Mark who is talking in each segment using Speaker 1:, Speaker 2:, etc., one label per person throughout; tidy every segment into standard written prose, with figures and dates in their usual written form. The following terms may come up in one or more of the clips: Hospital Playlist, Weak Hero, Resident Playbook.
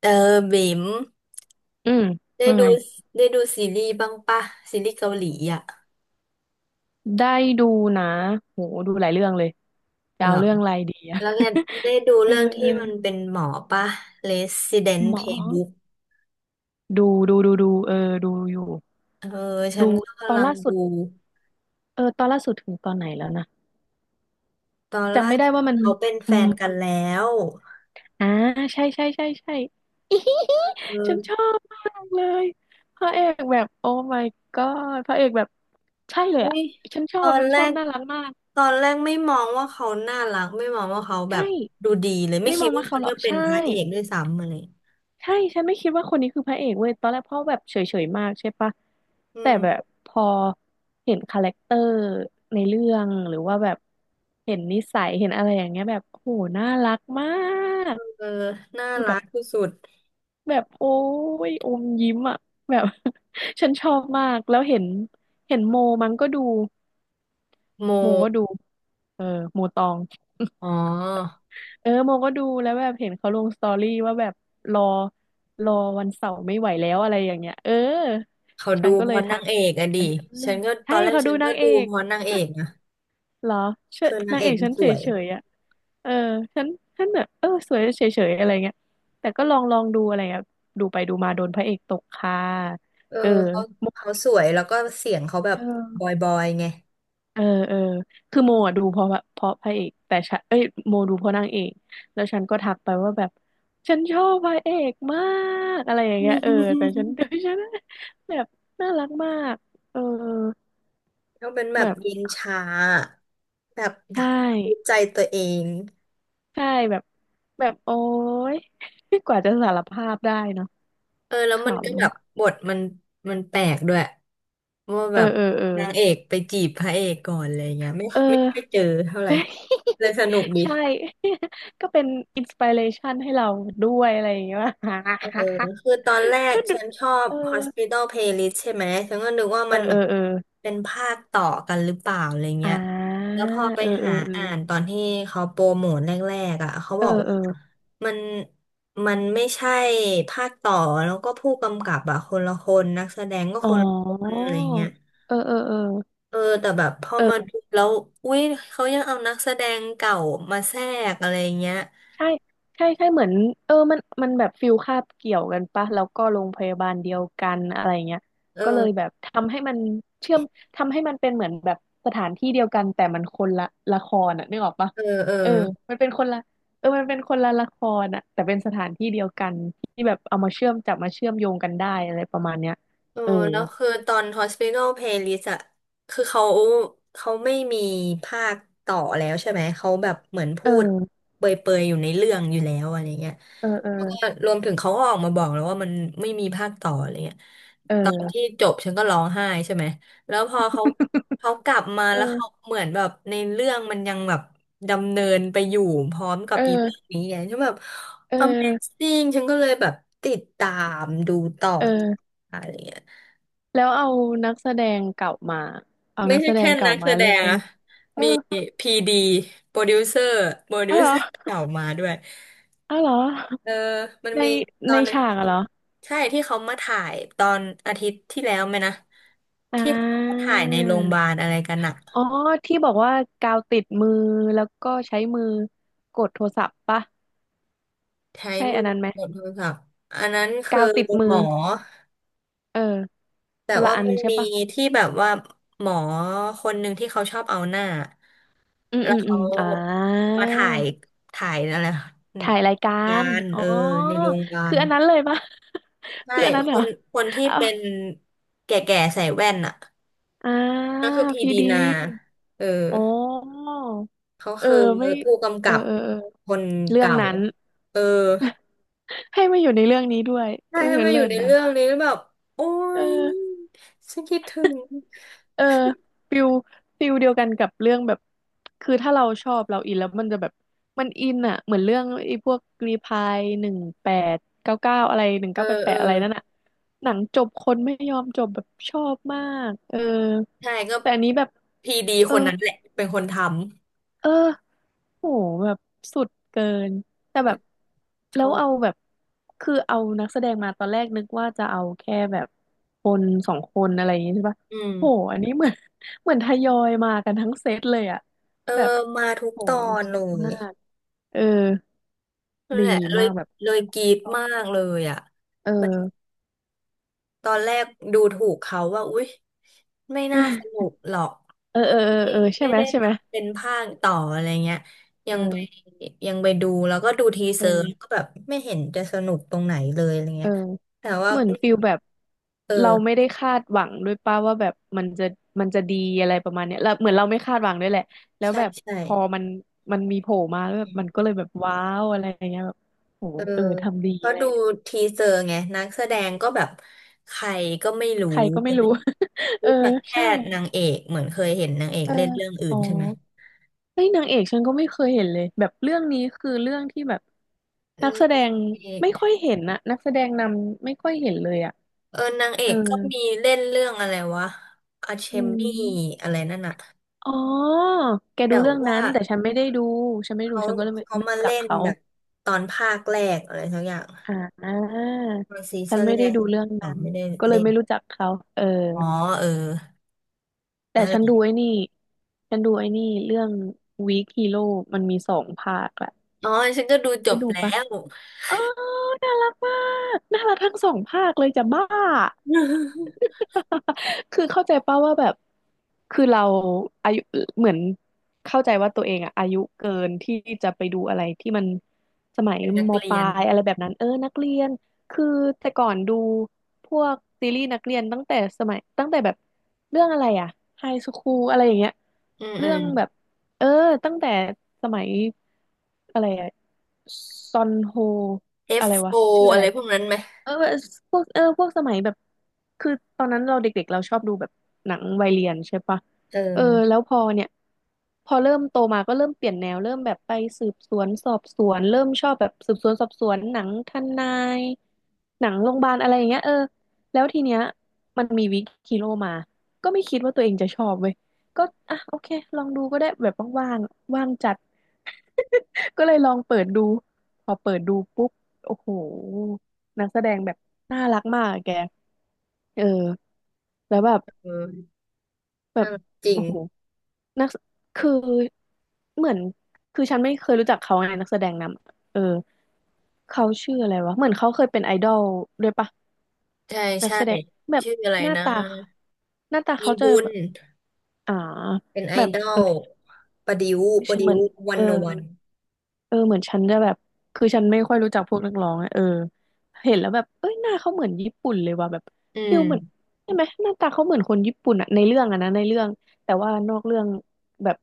Speaker 1: เออบิ๋ม
Speaker 2: อืม
Speaker 1: ได้
Speaker 2: ว่า
Speaker 1: ดู
Speaker 2: ไง
Speaker 1: ซีรีส์บ้างปะซีรีส์เกาหลีอ่ะ
Speaker 2: ได้ดูนะโหดูหลายเรื่องเลยจะ
Speaker 1: เหร
Speaker 2: เอา
Speaker 1: อ
Speaker 2: เรื่องอะไรดีอะ
Speaker 1: แล้วแกได้ดู
Speaker 2: เออ
Speaker 1: เรื่องที่มันเป็นหมอปะ Resident
Speaker 2: หมอ
Speaker 1: Playbook
Speaker 2: ดูดูเออดูอยู่
Speaker 1: เออฉั
Speaker 2: ดู
Speaker 1: นก็
Speaker 2: ตอ
Speaker 1: กำ
Speaker 2: น
Speaker 1: ลัง
Speaker 2: ล่าสุ
Speaker 1: ดู
Speaker 2: ดเออตอนล่าสุดถึงตอนไหนแล้วนะ
Speaker 1: ตอนล่า
Speaker 2: จำไม่ได้
Speaker 1: สุด
Speaker 2: ว่ามัน
Speaker 1: เขาเป็น
Speaker 2: อื
Speaker 1: แฟ
Speaker 2: ม
Speaker 1: นกันแล้ว
Speaker 2: อ่าใช่ใช่ใช่ใช่ ฉันช
Speaker 1: เออ
Speaker 2: อบมากเลยพระเอกแบบโอ้ my god พระเอกแบบใช่เลย
Speaker 1: เฮ้
Speaker 2: อ่ะ
Speaker 1: ย
Speaker 2: ฉันชอ
Speaker 1: ตอ
Speaker 2: บ
Speaker 1: น
Speaker 2: มัน
Speaker 1: แร
Speaker 2: ชอบ
Speaker 1: ก
Speaker 2: น่ารักมาก
Speaker 1: ตอนแรกไม่มองว่าเขาน่ารักไม่มองว่าเขา
Speaker 2: ใช
Speaker 1: แบบ
Speaker 2: ่
Speaker 1: ดูดีเลยไม่
Speaker 2: ไม่
Speaker 1: คิ
Speaker 2: ม
Speaker 1: ด
Speaker 2: อง
Speaker 1: ว่า
Speaker 2: ว่าเขา
Speaker 1: เขา
Speaker 2: หรอ
Speaker 1: จะ
Speaker 2: ก
Speaker 1: เป็น
Speaker 2: ใช่
Speaker 1: พระเอกด้วยซ้ำอะไร
Speaker 2: ใช่ ฉันไม่คิดว่าคนนี้คือพระเอกเว้ยตอนแรกพ่อแบบเฉยๆมากใช่ปะ
Speaker 1: อื
Speaker 2: แต่
Speaker 1: ม
Speaker 2: แบบพอเห็นคาแรคเตอร์ในเรื่องหรือว่าแบบเห็นนิสัยเห็นอะไรอย่างเงี้ยแบบโอ้โหน่ารักมาก
Speaker 1: เออน่า
Speaker 2: คือแบ
Speaker 1: รั
Speaker 2: บ
Speaker 1: กที่สุด
Speaker 2: แบบโอ้ยอมยิ้มอ่ะแบบ ฉันชอบมากแล้วเห็นโมมันก็ดู
Speaker 1: โม
Speaker 2: โมก็ดูเออโมตอง
Speaker 1: อ๋อ
Speaker 2: เออโมก็ดูแล้วแบบเห็นเขาลงสตอรี่ว่าแบบรอรอวันเสาร์ไม่ไหวแล้วอะไรอย่างเงี้ยเออ
Speaker 1: เขา
Speaker 2: ฉั
Speaker 1: ดู
Speaker 2: นก็
Speaker 1: เพ
Speaker 2: เลย
Speaker 1: ราะนา
Speaker 2: ทั
Speaker 1: ง
Speaker 2: ก
Speaker 1: เอกอะ
Speaker 2: เอ
Speaker 1: ดิ
Speaker 2: อ
Speaker 1: ฉันก็ต
Speaker 2: ใช่
Speaker 1: อนแรก
Speaker 2: เขา
Speaker 1: ฉั
Speaker 2: ดู
Speaker 1: น
Speaker 2: นา
Speaker 1: ก็
Speaker 2: งเอ
Speaker 1: ดู
Speaker 2: ก
Speaker 1: เพราะนางเอกนะ
Speaker 2: เหรอเชย
Speaker 1: คือนาง
Speaker 2: นาง
Speaker 1: เอ
Speaker 2: เอ
Speaker 1: ก
Speaker 2: ก
Speaker 1: มัน
Speaker 2: ฉัน
Speaker 1: ส
Speaker 2: เฉ
Speaker 1: วย
Speaker 2: ยๆอ่ะเออฉันฉันแบบเออสวยเฉยๆอะไรเงี้ยแต่ก็ลองดูอะไรเงี้ยดูไปดูมาโดนพระเอกตกค่ะ
Speaker 1: เออ
Speaker 2: เออ
Speaker 1: เขา
Speaker 2: โมก
Speaker 1: เขาสวยแล้วก็เสียงเขาแบบบ
Speaker 2: เออ
Speaker 1: อยบอยไง
Speaker 2: เออเออคือโมอ่ะดูเพราะพระเอกแต่ฉันเอ้ยโมดูเพราะนางเอกแล้วฉันก็ทักไปว่าแบบฉันชอบพระเอกมากอะไรอย่างเงี้ยเออแต่ฉัน ดูฉันแบบน่ารักมากเออ
Speaker 1: เขาเป็นแบบ
Speaker 2: แบบ
Speaker 1: เย็นชาแบบ
Speaker 2: ใช่
Speaker 1: ดูใจตัวเอง
Speaker 2: ใช่แบบแบบโอ๊ย กว่าจะสารภาพได้เนาะ
Speaker 1: เออแล้
Speaker 2: ข
Speaker 1: วมันก็แบบบทมันแปลกด้วยว่า
Speaker 2: ำเอ
Speaker 1: แบ
Speaker 2: อ
Speaker 1: บ
Speaker 2: เออเออ
Speaker 1: นางเอกไปจีบพระเอกก่อนอะไรเงี้ย
Speaker 2: เอ
Speaker 1: ไม่
Speaker 2: อ
Speaker 1: ค่อยเจอเท่าไหร่เลย สนุกดี
Speaker 2: ใช่ ก็เป็นอินสปิเรชันให้เราด้วยอะไรอย่างเงี้ย
Speaker 1: เออ คือตอนแรก
Speaker 2: ก็ดู
Speaker 1: ฉันชอบ
Speaker 2: เออ
Speaker 1: Hospital Playlist ใช่ไหมฉันก็นึกว่า
Speaker 2: เอ
Speaker 1: มั
Speaker 2: อ
Speaker 1: น
Speaker 2: เอ
Speaker 1: แบ
Speaker 2: อ
Speaker 1: บ
Speaker 2: เออ
Speaker 1: เป็นภาคต่อกันหรือเปล่าอะไร
Speaker 2: อ่
Speaker 1: เงี้ย
Speaker 2: า
Speaker 1: แล้วพอไป
Speaker 2: เออเอ
Speaker 1: หา
Speaker 2: อเออ
Speaker 1: อ่านตอนที่เขาโปรโมทแรกๆอ่ะเขา
Speaker 2: เอ
Speaker 1: บ
Speaker 2: อ
Speaker 1: อกว่
Speaker 2: เออ
Speaker 1: ามันไม่ใช่ภาคต่อแล้วก็ผู้กำกับอ่ะคนละคนนักแสดงก็
Speaker 2: อ๋อ
Speaker 1: คนละคนอะไรเงี้ย
Speaker 2: เออเออเออ
Speaker 1: เออแต่แบบพอมา
Speaker 2: เออ
Speaker 1: ดูแล้วอุ้ยเขายังเอานักแสดงเก่ามาแทรกอะไรเงี้ย
Speaker 2: ใช่ใช่ใช่ เหมือนเออมันแบบฟิลคาบเกี่ยวกันปะ แล้วก็โรงพยาบาลเดียวกันอะไรเงี้ย
Speaker 1: เอ
Speaker 2: ก็เลยแบ
Speaker 1: อ
Speaker 2: บทำให้มันเชื่อม ทำให้มันเป็นเหมือนแบบสถานที่เดียวกันแต่มันคนละละครอ่ะนึกออกปะ
Speaker 1: เออเออ
Speaker 2: เออมันเป็นคนละเออมันเป็นคนละละครอ่ะแต่เป็นสถานที่เดียวกันที่แบบเอามาเชื่อมจับมาเชื่อมโยงกันได้อะไรประมาณเนี้ย
Speaker 1: เออ
Speaker 2: เออ
Speaker 1: แล้วคือตอน Hospital Playlist อะคือเขาไม่มีภาคต่อแล้วใช่ไหมเขาแบบเหมือน
Speaker 2: เ
Speaker 1: พูด
Speaker 2: ออ
Speaker 1: เปรยๆอยู่ในเรื่องอยู่แล้วอะไรเงี้ย
Speaker 2: เ
Speaker 1: แล้วก็
Speaker 2: ออ
Speaker 1: รวมถึงเขาก็ออกมาบอกแล้วว่ามันไม่มีภาคต่ออะไรเงี้ยตอน
Speaker 2: เออ
Speaker 1: ที่จบฉันก็ร้องไห้ใช่ไหมแล้วพอเขากลับมาแล้วเขา
Speaker 2: เออ
Speaker 1: เหมือนแบบในเรื่องมันยังแบบดำเนินไปอยู่พร้อมกับ
Speaker 2: เอ
Speaker 1: อีเรื่อง
Speaker 2: อ
Speaker 1: นี้ไงฉันแบบ
Speaker 2: เออ
Speaker 1: Amazing ฉันก็เลยแบบติดตามดูต่อ
Speaker 2: เออ
Speaker 1: อะไรเงี้ย
Speaker 2: แล้วเอานักแสดงเก่ามาเอา
Speaker 1: ไม่
Speaker 2: นัก
Speaker 1: ใช่
Speaker 2: แสด
Speaker 1: แค่
Speaker 2: งเก่า
Speaker 1: นักแส
Speaker 2: มา
Speaker 1: ด
Speaker 2: เล่
Speaker 1: ง
Speaker 2: น
Speaker 1: อะ
Speaker 2: เออ
Speaker 1: พีดีโปรดิวเซอร์โปรดิ
Speaker 2: อ้า
Speaker 1: ว
Speaker 2: วเหร
Speaker 1: เซ
Speaker 2: อ
Speaker 1: อร์ เก่ามาด้วย
Speaker 2: อ้าวเหรอ
Speaker 1: เออมัน
Speaker 2: ใน
Speaker 1: มีตอ
Speaker 2: ใน
Speaker 1: นหนึง
Speaker 2: ฉา
Speaker 1: ที่
Speaker 2: กอะ
Speaker 1: เขา
Speaker 2: เหรอ
Speaker 1: ใช่ที่เขามาถ่ายตอนอาทิตย์ที่แล้วไหมนะ
Speaker 2: อ่
Speaker 1: ที่เขามา
Speaker 2: า
Speaker 1: ถ่ายในโรงพยาบาลอะไรกันอะ
Speaker 2: อ๋อที่บอกว่ากาวติดมือแล้วก็ใช้มือกดโทรศัพท์ปะ
Speaker 1: ใช้
Speaker 2: ใช่
Speaker 1: มื
Speaker 2: อั
Speaker 1: อ
Speaker 2: นนั้นไหม
Speaker 1: กดโทรศัพท์อันนั้นคือ
Speaker 2: กาวติดมื
Speaker 1: หม
Speaker 2: อ
Speaker 1: อ
Speaker 2: เออ
Speaker 1: แต่
Speaker 2: คนละ
Speaker 1: ว่า
Speaker 2: อัน
Speaker 1: มัน
Speaker 2: ใช่
Speaker 1: มี
Speaker 2: ปะ
Speaker 1: ที่แบบว่าหมอคนหนึ่งที่เขาชอบเอาหน้า
Speaker 2: อืม
Speaker 1: แล้ว
Speaker 2: อืมอื
Speaker 1: เขา
Speaker 2: มอ่า
Speaker 1: มาถ่ายอะไร
Speaker 2: ถ่ายรายการ
Speaker 1: การ
Speaker 2: อ๋อ
Speaker 1: เออในโรงพยาบา
Speaker 2: คื
Speaker 1: ล
Speaker 2: ออันนั้นเลยปะ
Speaker 1: ใช่
Speaker 2: คืออันนั้น
Speaker 1: ค
Speaker 2: เหรอ
Speaker 1: นที่
Speaker 2: เอา
Speaker 1: เป็นแก่ๆใส่แว่นอ่ะ
Speaker 2: อ่า
Speaker 1: นั่นคือพี
Speaker 2: พี
Speaker 1: ดี
Speaker 2: ดี
Speaker 1: นาเออ
Speaker 2: อ๋อ
Speaker 1: เขา
Speaker 2: เออ
Speaker 1: คือ
Speaker 2: ไม่
Speaker 1: ผู้กำ
Speaker 2: เอ
Speaker 1: กั
Speaker 2: อ
Speaker 1: บ
Speaker 2: เออเออ
Speaker 1: คน
Speaker 2: เรื่อง
Speaker 1: เก่า
Speaker 2: นั้น
Speaker 1: เออ
Speaker 2: ให้มาอยู่ในเรื่องนี้ด้วย
Speaker 1: ใช่
Speaker 2: เออ
Speaker 1: ให้มาอ
Speaker 2: เลิ
Speaker 1: ยู่
Speaker 2: ศ
Speaker 1: ใน
Speaker 2: นะ
Speaker 1: เรื่องนี้แล้วแบบโอ๊
Speaker 2: เออ
Speaker 1: ยฉันคิดถึง
Speaker 2: เออฟิลฟิลเดียวกันกับเรื่องแบบคือถ้าเราชอบเราอินแล้วมันจะแบบมันอินอ่ะเหมือนเรื่องไอ้พวกรีพาย1899อะไรหนึ่ง
Speaker 1: เออ
Speaker 2: เก้าแปดแป
Speaker 1: เออ
Speaker 2: ดอะไรนั่นอ่ะหนังจบคนไม่ยอมจบแบบชอบมากเออ
Speaker 1: ใช่ก็
Speaker 2: แต่อันนี้แบบ
Speaker 1: พีดี
Speaker 2: เออ
Speaker 1: คนนั้นแหละเป็นคนท
Speaker 2: เออ โหแบบสุดเกินแต่แบบ
Speaker 1: ำช
Speaker 2: แล้ว
Speaker 1: อบ
Speaker 2: เอาแบบคือเอานักแสดงมาตอนแรกนึกว่าจะเอาแค่แบบคนสองคนอะไรอย่างงี้ใช่ปะ
Speaker 1: อืม
Speaker 2: โหอันนี้เหมือน เหมือนทยอยมากันทั้งเซตเลยอะ
Speaker 1: เออ
Speaker 2: แบบ
Speaker 1: มาทุก
Speaker 2: โห
Speaker 1: ตอนเล
Speaker 2: สุด
Speaker 1: ย
Speaker 2: มากเออ
Speaker 1: นั่น
Speaker 2: ดี
Speaker 1: แหละเลย
Speaker 2: มากแบบ
Speaker 1: เลยกรี๊ดมากเลยอ่ะ
Speaker 2: เออ
Speaker 1: ตอนแรกดูถูกเขาว่าอุ๊ยไม่น่าสนุ กหรอก
Speaker 2: เออเออเออ
Speaker 1: ไม่
Speaker 2: เออใช่
Speaker 1: ไม่
Speaker 2: ไหม
Speaker 1: ได้
Speaker 2: ใช่ไหม
Speaker 1: ทำเป็นภาคต่ออะไรเงี้ยยั
Speaker 2: เอ
Speaker 1: งไป
Speaker 2: อ
Speaker 1: ดูแล้วก็ดูที
Speaker 2: เอ
Speaker 1: เซ
Speaker 2: อ
Speaker 1: อร์ก็แบบไม่เห็นจะสนุกตรงไหนเลยอะไร
Speaker 2: เอ
Speaker 1: เงี้
Speaker 2: อ
Speaker 1: ยแต่ว่า
Speaker 2: เหมือนฟิลแบบ
Speaker 1: เอ
Speaker 2: เราไม่
Speaker 1: อ
Speaker 2: ได้คาดหวังด้วยป้าว่าแบบมันจะมันจะดีอะไรประมาณเนี้ยแล้วเหมือนเราไม่คาดหวังด้วยแหละแล้ว
Speaker 1: ใช่
Speaker 2: แบบ
Speaker 1: ใช่
Speaker 2: พอมันมีโผล่มาแล้วแบบมันก็เลยแบบว้าวอะไรอย่างเงี้ยแบบโห
Speaker 1: เออ
Speaker 2: เออทำดี
Speaker 1: เพ
Speaker 2: อะ
Speaker 1: ราะ
Speaker 2: ไรอ
Speaker 1: ดู
Speaker 2: ย่างเงี้ย
Speaker 1: ทีเซอร์ไงนักแส
Speaker 2: อื
Speaker 1: ดง
Speaker 2: ม
Speaker 1: ก็แบบใครก็ไม่รู้
Speaker 2: ใครก็ไม่
Speaker 1: อะไร
Speaker 2: รู้ เออ
Speaker 1: รู้จักแค่
Speaker 2: ใช่
Speaker 1: นางเอกเหมือนเคยเห็นนางเอก
Speaker 2: เออ
Speaker 1: เล่นเรื่องอื่
Speaker 2: อ๋
Speaker 1: น
Speaker 2: อ
Speaker 1: ใช่ไหม
Speaker 2: เฮ้ยนางเอกฉันก็ไม่เคยเห็นเลยแบบเรื่องนี้คือเรื่องที่แบบ
Speaker 1: อื
Speaker 2: นักแสดงไม่ค่อย
Speaker 1: ม
Speaker 2: เห็นนะนักแสดงนำไม่ค่อยเห็นเลยอ่ะ
Speaker 1: เออนางเอ
Speaker 2: เออ
Speaker 1: กก็มีเล่นเรื่องอะไรวะอาเช
Speaker 2: อื
Speaker 1: มบี้
Speaker 2: ม
Speaker 1: อะไรนั่นอะ
Speaker 2: อ๋อแกดู
Speaker 1: แต่
Speaker 2: เรื่อง
Speaker 1: ว่า
Speaker 2: นั้นแต่ฉันไม่ได้ดูฉันไม่ดู
Speaker 1: เขา
Speaker 2: ฉันก็เลยไม่ไม่
Speaker 1: มา
Speaker 2: รู้จั
Speaker 1: เล่
Speaker 2: ก
Speaker 1: น
Speaker 2: เขา
Speaker 1: แบบตอนภาคแรกอะไรสักอย่าง
Speaker 2: อ่า
Speaker 1: ตอนซี
Speaker 2: ฉัน
Speaker 1: ซั่น
Speaker 2: ไม่
Speaker 1: แร
Speaker 2: ได้
Speaker 1: ก
Speaker 2: ดูเรื่อง
Speaker 1: เขา
Speaker 2: นั้น
Speaker 1: ไม่ได้
Speaker 2: ก็เลย
Speaker 1: เล่น
Speaker 2: ไม่รู้จักเขาเออ
Speaker 1: อ๋อเออ
Speaker 2: แต่
Speaker 1: นั่นแห
Speaker 2: ฉันดู
Speaker 1: ละ
Speaker 2: ไอ้นี่ฉันดูไอ้นี่เรื่อง Weak Hero มันมีสองภาคแหละ
Speaker 1: อ๋อฉันก็ดูจ
Speaker 2: ได้
Speaker 1: บ
Speaker 2: ดู
Speaker 1: แล้
Speaker 2: ปะ
Speaker 1: ว
Speaker 2: เออน่ารักมาก น่ารักทั้งสองภาคเลยจะบ้า คือเข้าใจป่าว่าแบบคือเราอายุเหมือนเข้าใจว่าตัวเองอะอายุเกินที่จะไปดูอะไรที่มันสมัย
Speaker 1: เป็นนัก
Speaker 2: มป
Speaker 1: เรีย
Speaker 2: ลา
Speaker 1: น
Speaker 2: ยอะไรแบบนั้นเออนักเรียน คือแต่ก่อนดูพวกซีรีส์นักเรียนตั้งแต่สมัยตั้งแต่แบบเรื่องอะไรอะไฮสคูลอะไรอย่างเงี้ย
Speaker 1: อืมอื
Speaker 2: เรื่อ
Speaker 1: ม
Speaker 2: งแบบ เออตั้งแต่สมัยอะไรอะซอนโฮอะไร
Speaker 1: F.O. อฟ
Speaker 2: วะ
Speaker 1: โอ
Speaker 2: ชื่ออะ
Speaker 1: อะ
Speaker 2: ไร
Speaker 1: ไรพวกนั้นไหม
Speaker 2: เออพวกพวกสมัยแบบคือตอนนั้นเราเด็กๆเราชอบดูแบบหนังวัยเรียนใช่ปะ
Speaker 1: เออ
Speaker 2: เออแล้วพอเนี่ยพอเริ่มโตมาก็เริ่มเปลี่ยนแนวเริ่มแบบไปสืบสวนสอบสวนเริ่มชอบแบบสืบสวนสอบสวนหนังทนายหนังโรงพยาบาลอะไรอย่างเงี้ยเออแล้วทีเนี้ยมันมีวิกฮีโร่มาก็ไม่คิดว่าตัวเองจะชอบเว้ยก็อ่ะโอเคลองดูก็ได้แบบว่างๆว่างจัด ก็เลยลองเปิดดูพอเปิดดูปุ๊บโอ้โหนักแสดงแบบน่ารักมากอะแกเออแล้วแบบ
Speaker 1: เออ
Speaker 2: แบ
Speaker 1: น่า
Speaker 2: บ
Speaker 1: รักจริ
Speaker 2: โอ้
Speaker 1: ง
Speaker 2: โหนักแสคือเหมือนคือฉันไม่เคยรู้จักเขาในนักแสดงนำเออเขาชื่ออะไรวะเหมือนเขาเคยเป็นไอดอลด้วยปะ
Speaker 1: ใช่
Speaker 2: นัก
Speaker 1: ใช่
Speaker 2: แสดงแบบ
Speaker 1: ชื่ออะไร
Speaker 2: หน้า
Speaker 1: นะ
Speaker 2: ตาหน้าตา
Speaker 1: อี
Speaker 2: เขาจะ
Speaker 1: ฮุน
Speaker 2: แบบอ่า
Speaker 1: เป็นไอ
Speaker 2: แบบ
Speaker 1: ดอ
Speaker 2: เออ
Speaker 1: ลประดิวประ
Speaker 2: เห
Speaker 1: ดิ
Speaker 2: มื
Speaker 1: ว
Speaker 2: อน
Speaker 1: วั
Speaker 2: เอ
Speaker 1: น
Speaker 2: อ
Speaker 1: โนวัน
Speaker 2: เออเหมือนฉันจะแบบคือฉันไม่ค่อยรู้จักพวกนักร้องอะเออเห็นแล้วแบบเอ้ยหน้าเขาเหมือนญี่ปุ่นเลยว่ะแบบ
Speaker 1: อื
Speaker 2: ฟิ
Speaker 1: ม
Speaker 2: ลเหมือนใช่ไหมหน้าตาเขาเหมือนคนญี่ปุ่นอะในเรื่องอะนะในเรื่องแต่ว่านอกเรื่องแบบ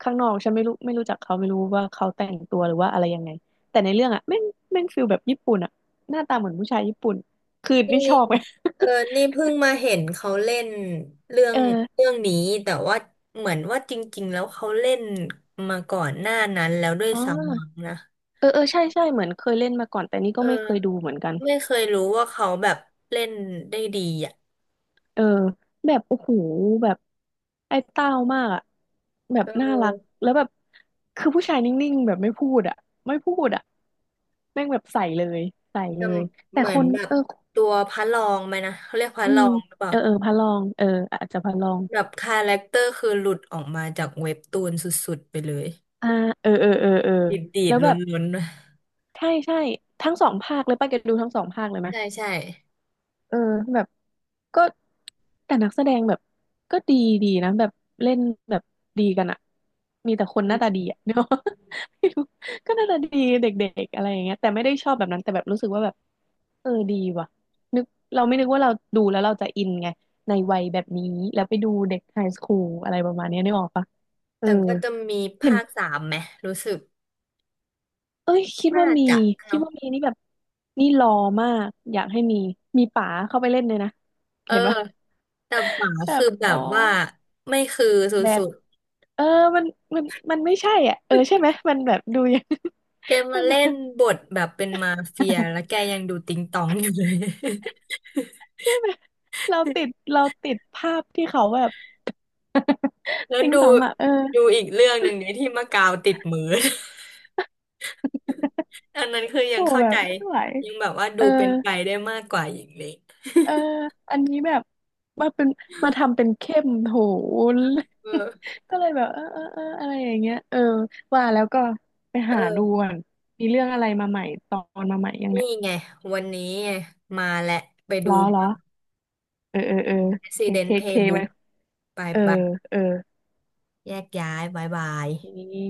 Speaker 2: ข้างนอกฉันไม่รู้ไม่รู้จักเขาไม่รู้ว่าเขาแต่งตัวหรือว่าอะไรยังไงแต่ในเรื่องอะแม่งฟิลแบบญี่ปุ่นอะหน้าตาเหมือนผู้ชายญี่ปุ่นคือ
Speaker 1: นี่
Speaker 2: นี่ชอบไง
Speaker 1: เออนี่ เพิ่งมาเห็นเขาเล่นเรื่อ
Speaker 2: เอ
Speaker 1: ง
Speaker 2: อ
Speaker 1: นี้แต่ว่าเหมือนว่าจริงๆแล้วเขาเล่นมาก่อนหน้านั้นแล้วด้วย
Speaker 2: อ๋อ
Speaker 1: ซ้ำมั้งนะ
Speaker 2: เออเออใช่ใช่เหมือนเคยเล่นมาก่อนแต่นี่
Speaker 1: เอ
Speaker 2: ก็
Speaker 1: อ
Speaker 2: ไม่เคยดูเหมือนกัน
Speaker 1: ไม่เคยรู้ว่าเขาแบบเล่นได้ดีอ่ะ
Speaker 2: เออแบบโอ้โหแบบไอ้เต้ามากอะแบ
Speaker 1: เอ
Speaker 2: บน่ารั
Speaker 1: อ
Speaker 2: กแล้วแบบคือผู้ชายนิ่งๆแบบไม่พูดอะไม่พูดอะแม่งแบบใส่เลยใส่
Speaker 1: ท
Speaker 2: เลย
Speaker 1: ำ
Speaker 2: แต่
Speaker 1: เหมือ
Speaker 2: ค
Speaker 1: น
Speaker 2: น
Speaker 1: แบบ
Speaker 2: เออ
Speaker 1: ตัวพระรองไหมนะเขาเรียกพระ
Speaker 2: อื
Speaker 1: รอ
Speaker 2: ม
Speaker 1: งหรือเปล่า
Speaker 2: เออเออพระรองเอออาจจะพระรอง
Speaker 1: แบบคาแรคเตอร์คือหลุดออกมาจากเว็บตูนสุดๆไปเลย
Speaker 2: อ่าเออเออ
Speaker 1: ดี
Speaker 2: แล้
Speaker 1: ด
Speaker 2: ว
Speaker 1: ๆล
Speaker 2: แบบ
Speaker 1: ้นๆนะ
Speaker 2: ใช่ใช่ทั้งสองภาคเลยป้าแกดูทั้งสองภาคเลยไหม
Speaker 1: ใช่ใช่
Speaker 2: เออแบบก็แต่นักแสดงแบบก็ดีดีนะแบบเล่นแบบดีกันอะมีแต่คนหน้าตา
Speaker 1: อืม
Speaker 2: ดีอะ เนาะไม่รู้ก็หน้าตาดีเด็กๆอะไรอย่างเงี้ยแต่ไม่ได้ชอบแบบนั้นแต่แบบรู้สึกว่าแบบเออดีว่ะนึกเราไม่นึกว่าเราดูแล้วเราจะอินไงในวัยแบบนี้แล้วไปดูเด็กไฮสคูลอะไรประมาณเนี้ยนึกออกปะเอ
Speaker 1: แต่
Speaker 2: อ
Speaker 1: ก็จะมี
Speaker 2: เห็น
Speaker 1: ภาคสามไหมรู้สึก
Speaker 2: เอ้ยคิด
Speaker 1: น่า
Speaker 2: ว่ามี
Speaker 1: จะ
Speaker 2: คิด
Speaker 1: เนาะ
Speaker 2: ว่ามีนี่แบบนี่รอมากอยากให้มีมีป๋าเข้าไปเล่นเลยนะ
Speaker 1: เออ
Speaker 2: เห็นปะ
Speaker 1: แต่ป๋า
Speaker 2: แบ
Speaker 1: คื
Speaker 2: บ
Speaker 1: อแบ
Speaker 2: อ๋อ
Speaker 1: บว่าไม่คือส
Speaker 2: แบ
Speaker 1: ุ
Speaker 2: ด
Speaker 1: ด
Speaker 2: เออมันมันมันไม่ใช่อ่ะเออใช่ไหมมันแบบดูยัง
Speaker 1: ๆแก มา
Speaker 2: มัน
Speaker 1: เล่นบทแบบเป็นมาเฟียแล้ว แกยังดูติงตองอยู่เลย
Speaker 2: ใช่ไหมเราติดเราติดภาพที่เขาแบบ
Speaker 1: แล้ว
Speaker 2: ติง
Speaker 1: ดู
Speaker 2: ตองอ่ะเออ
Speaker 1: อีกเรื่องหนึ่งเนี่ยที่มะกาวติดมือ อันนั้นคือยั
Speaker 2: โห
Speaker 1: งเข้า
Speaker 2: แบ
Speaker 1: ใจ
Speaker 2: บไม่ไหว
Speaker 1: ยังแบบว่า
Speaker 2: เอ
Speaker 1: ดู
Speaker 2: อ
Speaker 1: เป็นไปได้มากกว่าอย่างนี้
Speaker 2: เอออันนี้แบบมาเป็นมาทำเป็นเข้มโห
Speaker 1: เออ
Speaker 2: ก็เลยแบบเออเออเอออะไรอย่างเงี้ยเออว่าแล้วก็ไป
Speaker 1: เอ
Speaker 2: หาดู
Speaker 1: อ
Speaker 2: ก่อนมีเรื่องอะไรมาใหม่ตอนมาใหม่ยัง
Speaker 1: นี่
Speaker 2: เนี่ย
Speaker 1: ไงวันนี้ไงมาและไปดู
Speaker 2: ล้อล้
Speaker 1: บ้า
Speaker 2: อ
Speaker 1: ง
Speaker 2: เออเออเออเคเค
Speaker 1: Resident
Speaker 2: เคไว้
Speaker 1: Playbook ไป
Speaker 2: เออ
Speaker 1: ไป
Speaker 2: เออ
Speaker 1: แยกย้ายบายบาย
Speaker 2: นี่